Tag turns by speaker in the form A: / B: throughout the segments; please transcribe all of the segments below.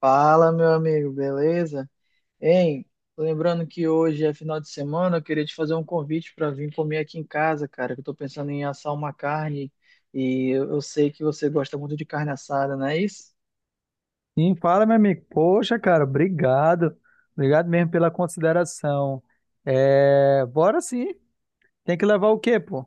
A: Fala, meu amigo, beleza? Hein, lembrando que hoje é final de semana, eu queria te fazer um convite para vir comer aqui em casa, cara, que eu tô pensando em assar uma carne e eu sei que você gosta muito de carne assada, não é isso?
B: Sim, fala, meu amigo. Poxa, cara, obrigado. Obrigado mesmo pela consideração. É, bora sim. Tem que levar o quê, pô?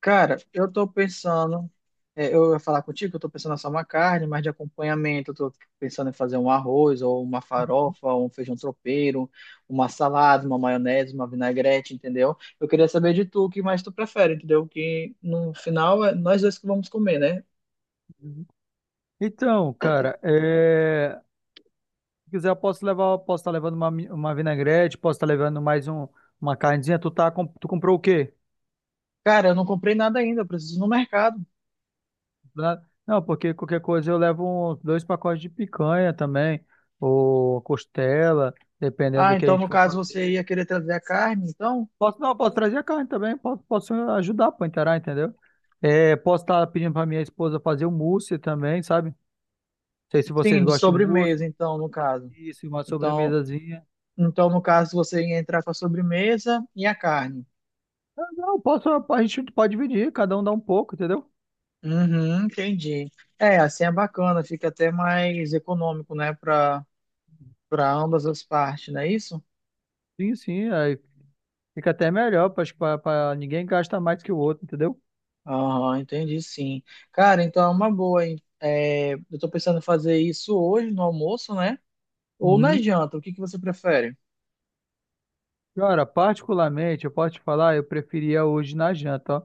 A: Cara, eu tô pensando. É, eu ia falar contigo que eu estou pensando em assar uma carne, mas de acompanhamento eu estou pensando em fazer um arroz, ou uma farofa, ou um feijão tropeiro, uma salada, uma maionese, uma vinagrete, entendeu? Eu queria saber de tu o que mais tu prefere, entendeu? Que no final é nós dois que vamos comer, né?
B: Então, cara, é, se quiser, eu posso levar, posso estar levando uma, uma vinagrete, posso estar levando mais um, uma carnezinha. Tu, tá, tu comprou o quê?
A: Cara, eu não comprei nada ainda, eu preciso ir no mercado.
B: Não, porque qualquer coisa eu levo dois pacotes de picanha também, ou costela, dependendo
A: Ah,
B: do que a
A: então
B: gente
A: no
B: for
A: caso
B: fazer.
A: você ia querer trazer a carne, então?
B: Posso, não, posso trazer a carne também, posso, posso ajudar para inteirar, entendeu? É, posso estar pedindo para minha esposa fazer um mousse também, sabe? Não sei se vocês
A: Sim, de
B: gostam de mousse,
A: sobremesa, então, no caso.
B: isso, uma
A: Então,
B: sobremesazinha.
A: então no caso você ia entrar com a sobremesa e a carne.
B: Ah, não, posso, a gente pode dividir, cada um dá um pouco, entendeu?
A: Uhum, entendi. É, assim é bacana, fica até mais econômico, né, para ambas as partes, não é isso?
B: Sim, sim, aí fica até melhor, acho que para ninguém gasta mais que o outro, entendeu?
A: Aham, entendi sim. Cara, então é uma boa, hein? É, eu tô pensando em fazer isso hoje no almoço, né? Ou na
B: Uhum.
A: janta, o que que você prefere?
B: Cara, particularmente, eu posso te falar, eu preferia hoje na janta, ó.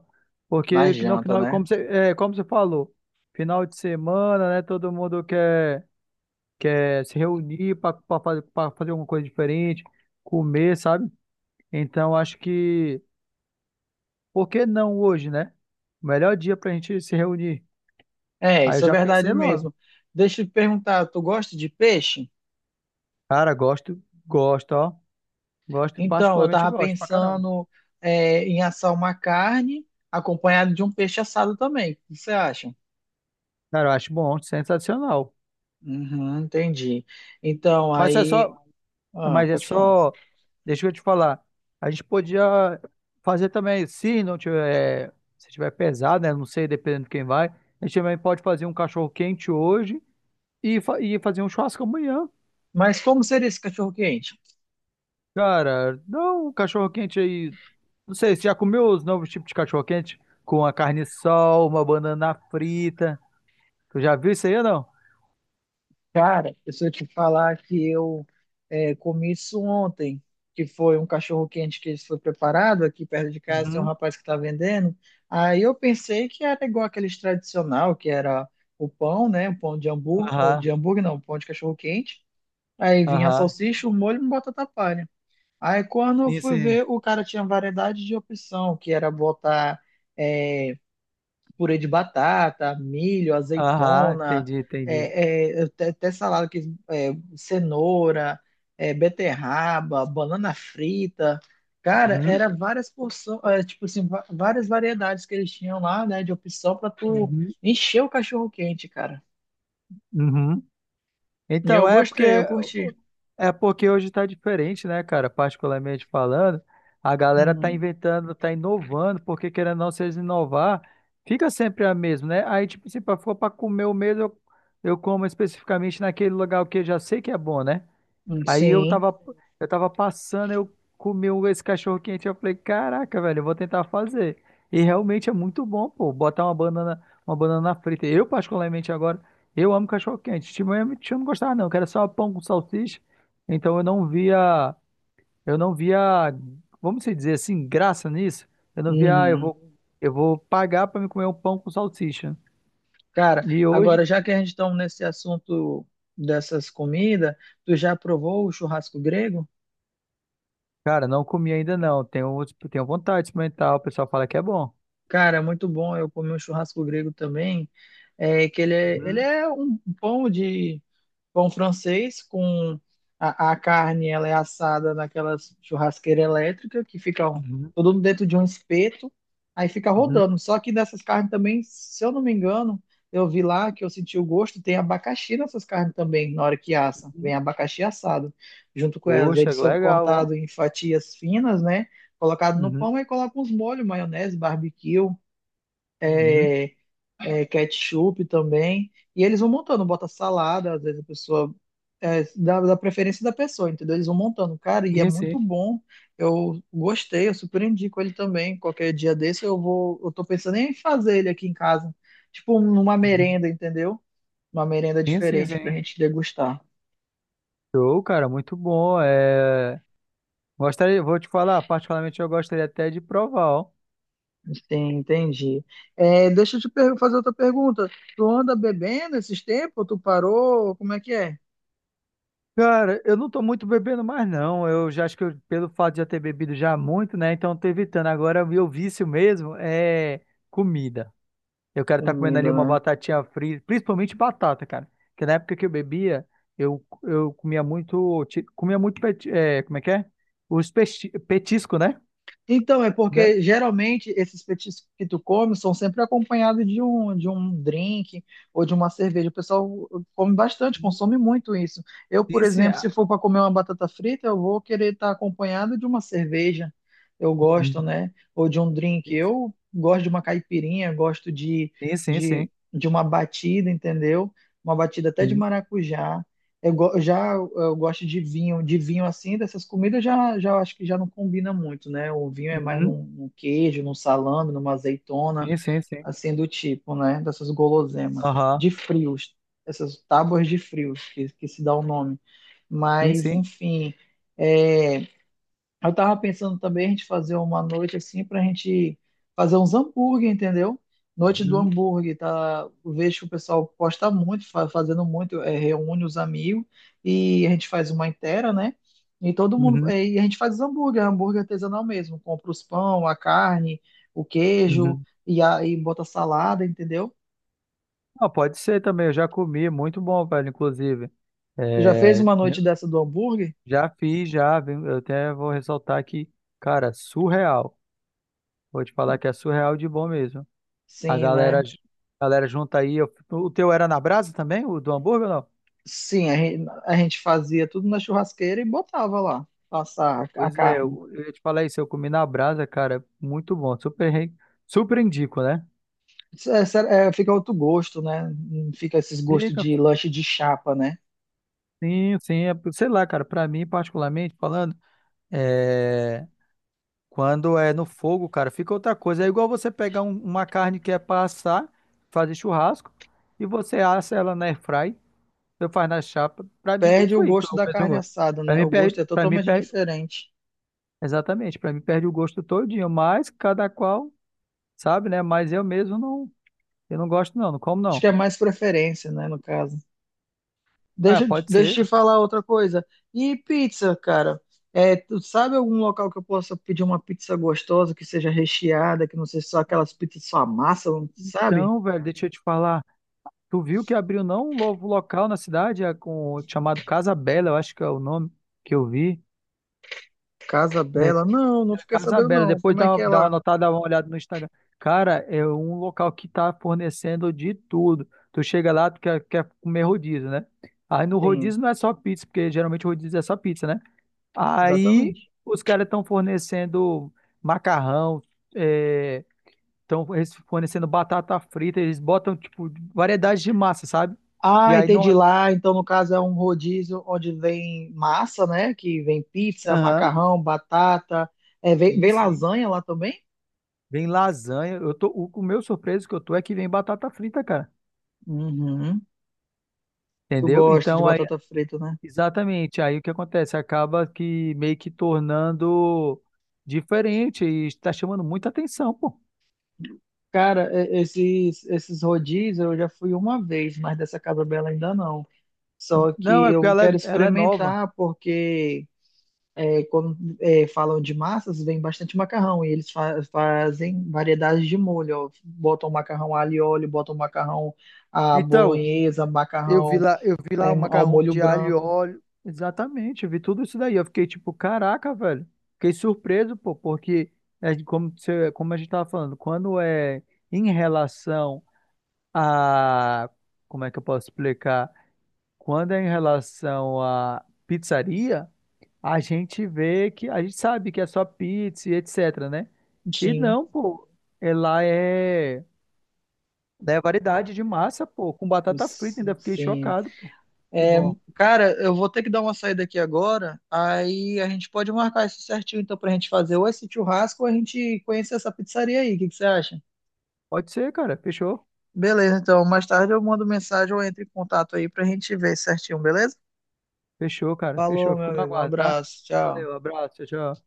A: Na
B: Porque no
A: janta,
B: final,
A: né?
B: como você, é, como você falou, final de semana, né? Todo mundo quer. Quer se reunir para fazer alguma coisa diferente, comer, sabe? Então acho que, por que não hoje, né? O melhor dia pra gente se reunir.
A: É,
B: Aí eu
A: isso é
B: já
A: verdade
B: pensei logo.
A: mesmo. Deixa eu te perguntar, tu gosta de peixe?
B: Cara, gosto, gosto, ó. Gosto,
A: Então, eu
B: particularmente
A: tava
B: gosto pra caramba.
A: pensando, em assar uma carne acompanhada de um peixe assado também. O que você acha?
B: Cara, eu acho bom, sensacional.
A: Uhum, entendi. Então,
B: Mas é
A: aí.
B: só,
A: Ah,
B: mas é
A: pode falar.
B: só, deixa eu te falar. A gente podia fazer também, se não tiver, é, se tiver pesado, né? Não sei, dependendo de quem vai. A gente também pode fazer um cachorro quente hoje e, e fazer um churrasco amanhã.
A: Mas como seria esse cachorro-quente?
B: Cara, não, um cachorro-quente aí. Não sei, você já comeu os novos tipos de cachorro-quente? Com a carne sol, uma banana frita. Tu já viu isso aí ou não?
A: Cara, se eu te falar que eu comi isso ontem, que foi um cachorro-quente que foi preparado aqui perto de casa, tem um
B: Uhum.
A: rapaz que está vendendo. Aí eu pensei que era igual aqueles tradicional, que era o pão, né? O pão de hambúrguer, ou
B: Aham,
A: de hambúrguer não, o pão de cachorro-quente. Aí vinha a
B: aham.
A: salsicha, o molho e uma batata palha. Aí quando eu
B: Sim,
A: fui
B: sim.
A: ver, o cara tinha variedade de opção, que era botar. é, Purê de batata, milho,
B: Aham,
A: azeitona,
B: entendi, entendi.
A: até, salada que é, cenoura, beterraba, banana frita. Cara,
B: Uhum,
A: era várias porções, tipo assim, várias variedades que eles tinham lá, né, de opção para tu
B: uhum,
A: encher o cachorro quente, cara.
B: uhum.
A: E
B: Então,
A: eu gostei, eu curti.
B: é porque hoje tá diferente, né, cara? Particularmente falando, a galera tá
A: Uhum.
B: inventando, tá inovando, porque querendo ou não, se eles inovar, fica sempre a mesma, né? Aí, tipo, se for pra comer o mesmo, eu como especificamente naquele lugar que eu já sei que é bom, né? Aí
A: Sim.
B: eu tava passando, eu comi esse cachorro quente, eu falei, caraca, velho, eu vou tentar fazer. E realmente é muito bom, pô, botar uma banana frita. Eu, particularmente agora, eu amo cachorro quente. Tinha eu não gostava não, que era só pão com salsicha. Então eu não via, vamos dizer assim, graça nisso. Eu não via, ah,
A: Uhum.
B: eu vou pagar pra me comer um pão com salsicha.
A: Cara,
B: E hoje,
A: agora já que a gente está nesse assunto dessas comidas, tu já provou o churrasco grego?
B: cara, não comi ainda não. Tenho, tenho vontade de experimentar, o pessoal fala que é bom.
A: Cara, é muito bom. Eu comi um churrasco grego também, que ele é um pão de pão francês com a carne, ela é assada naquela churrasqueira elétrica que fica
B: Uhum.
A: todo dentro de um espeto, aí fica
B: Uhum.
A: rodando. Só que nessas carnes também, se eu não me engano, eu vi lá que eu senti o gosto, tem abacaxi nessas carnes também, na hora que assa.
B: Uhum.
A: Vem abacaxi assado junto com elas.
B: Poxa,
A: Eles
B: que
A: são
B: legal, ó.
A: cortados em fatias finas, né? Colocado no
B: Uhum.
A: pão e coloca uns molhos, maionese, barbecue,
B: Uhum.
A: é, ketchup também. E eles vão montando, bota salada, às vezes a pessoa. É, da preferência da pessoa, entendeu? Eles vão montando, cara, e é
B: Sim,
A: muito
B: sim.
A: bom. Eu gostei, eu super indico ele também. Qualquer dia desse eu vou. Eu tô pensando em fazer ele aqui em casa. Tipo, numa
B: Uhum.
A: merenda, entendeu? Uma merenda
B: Sim, sim,
A: diferente pra
B: sim.
A: gente degustar.
B: Show, cara, muito bom. Gostaria, vou te falar, particularmente eu gostaria até de provar, ó.
A: Sim, entendi. É, deixa eu fazer outra pergunta. Tu anda bebendo esses tempos? Tu parou? Como é que é?
B: Cara, eu não tô muito bebendo mais, não. Eu já acho que pelo fato de já ter bebido já muito, né? Então eu tô evitando. Agora, o meu vício mesmo é comida. Eu quero estar comendo ali
A: Comida,
B: uma
A: né?
B: batatinha frita, principalmente batata, cara. Porque na época que eu bebia, eu comia muito, comia muito, é, como é que é? Os petisco, né?
A: Então, é
B: Comia.
A: porque geralmente esses petiscos que tu come são sempre acompanhados de um drink ou de uma cerveja. O pessoal come bastante, consome muito isso. Eu, por
B: Sim, sim.
A: exemplo, se for para comer uma batata frita, eu vou querer estar acompanhado de uma cerveja. Eu gosto,
B: Uhum.
A: né? Ou de um drink. Eu gosto de uma caipirinha, gosto de,
B: Sim, sim, sim.
A: de uma batida, entendeu? Uma batida até de
B: Sim,
A: maracujá. Eu, go- eu já eu gosto de vinho assim, dessas comidas já, já acho que já não combina muito, né? O vinho é mais
B: uhum,
A: num, num queijo, num salame, numa azeitona,
B: sim, sim, sim.
A: assim do tipo, né? Dessas guloseimas,
B: Aham,
A: de frios, essas tábuas de frios que, se dá o nome.
B: sim,
A: Mas,
B: sim.
A: enfim, é, eu tava pensando também a gente fazer uma noite assim pra gente fazer uns hambúrguer, entendeu? Noite do
B: Uhum,
A: hambúrguer, tá? Eu vejo que o pessoal posta muito, fazendo muito, reúne os amigos e a gente faz uma inteira, né? E todo mundo,
B: uhum,
A: e a gente faz os hambúrguer, hambúrguer artesanal mesmo, compra os pão, a carne, o queijo
B: uhum.
A: e aí bota salada, entendeu?
B: Ah, pode ser também, eu já comi, muito bom, velho, inclusive.
A: Tu já fez
B: É,
A: uma
B: eu
A: noite dessa do hambúrguer?
B: já fiz, já, viu? Eu até vou ressaltar aqui, cara, surreal. Vou te falar que é surreal de bom mesmo.
A: Sim, né?
B: A galera junta aí. O teu era na brasa também, o do hambúrguer, ou não?
A: Sim, a gente fazia tudo na churrasqueira e botava lá, passar a
B: Pois é,
A: carne.
B: eu ia te falar isso. Eu comi na brasa, cara. Muito bom. Super indico, né?
A: É, sério, é, fica outro gosto, né? Fica esses gostos
B: Fica,
A: de lanche de chapa, né?
B: sim, sim. Sei lá, cara. Pra mim, particularmente falando, é, quando é no fogo, cara, fica outra coisa. É igual você pegar uma carne que é pra assar, fazer churrasco, e você assa ela na airfry, eu faz na chapa. Pra mim, não
A: Perde o
B: foi
A: gosto
B: o
A: da
B: mesmo
A: carne
B: gosto.
A: assada,
B: Pra
A: né?
B: mim,
A: O
B: perde,
A: gosto é
B: pra mim,
A: totalmente
B: perde.
A: diferente.
B: Exatamente, para mim perde o gosto todinho, mas cada qual sabe, né? Mas eu mesmo não, eu não gosto não, não como
A: Acho que
B: não.
A: é mais preferência, né, no caso.
B: Ah,
A: Deixa,
B: pode ser.
A: deixa eu te falar outra coisa. E pizza, cara? É, tu sabe algum local que eu possa pedir uma pizza gostosa, que seja recheada, que não seja só aquelas pizzas só amassam, sabe?
B: Então, velho, deixa eu te falar, tu viu que abriu não um novo local na cidade, é, com chamado Casa Bela, eu acho que é o nome que eu vi.
A: Casa
B: É,
A: Bela. Não, não
B: era
A: fiquei
B: Casa
A: sabendo,
B: Bela,
A: não.
B: depois
A: Como é que é
B: dá uma
A: lá?
B: notada, dá uma olhada no Instagram. Cara, é um local que tá fornecendo de tudo. Tu chega lá, tu quer, quer comer rodízio, né? Aí no
A: Tem,
B: rodízio não é só pizza, porque geralmente o rodízio é só pizza, né? Aí
A: exatamente.
B: os caras estão fornecendo macarrão, estão fornecendo batata frita, eles botam tipo variedade de massa, sabe? E
A: Ah,
B: aí não.
A: entendi lá. Então, no caso, é um rodízio onde vem massa, né? Que vem pizza,
B: Aham,
A: macarrão, batata. É, vem,
B: sim,
A: vem
B: sim.
A: lasanha lá também?
B: Vem lasanha. Eu tô, o meu surpreso que eu tô é que vem batata frita, cara.
A: Uhum. Tu
B: Entendeu?
A: gosta de
B: Então aí,
A: batata frita, né?
B: exatamente, aí o que acontece? Acaba que meio que tornando diferente e está chamando muita atenção, pô.
A: Cara, esses rodízios eu já fui uma vez, mas dessa Casa Bela ainda não. Só
B: Não,
A: que
B: é porque
A: eu
B: ela,
A: quero
B: ela é nova.
A: experimentar, porque. É, quando é, falam de massas, vem bastante macarrão. E eles fazem variedades de molho. Ó. Botam macarrão alho e óleo, botam macarrão à
B: Então,
A: bolonhesa,
B: eu vi
A: macarrão
B: lá, eu vi lá o
A: ao
B: macarrão
A: molho
B: de alho e
A: branco.
B: óleo. Exatamente, eu vi tudo isso daí. Eu fiquei tipo, caraca, velho. Fiquei surpreso, pô, porque é de como, como a gente tava falando, quando é em relação a. Como é que eu posso explicar? Quando é em relação a pizzaria, a gente vê que. A gente sabe que é só pizza e etc, né? E
A: Sim,
B: não, pô, ela é. É né, variedade de massa, pô, com batata frita, ainda fiquei
A: sim.
B: chocado, pô. Que
A: É,
B: bom.
A: cara, eu vou ter que dar uma saída aqui agora. Aí a gente pode marcar isso certinho, então, pra gente fazer ou esse churrasco ou a gente conhecer essa pizzaria aí. O que que você acha?
B: Pode ser, cara. Fechou.
A: Beleza, então, mais tarde eu mando mensagem ou entro em contato aí pra gente ver certinho, beleza?
B: Fechou, cara.
A: Falou,
B: Fechou.
A: meu
B: Fico no
A: amigo. Um
B: aguardo, tá?
A: abraço. Tchau.
B: Valeu, abraço. Tchau, tchau.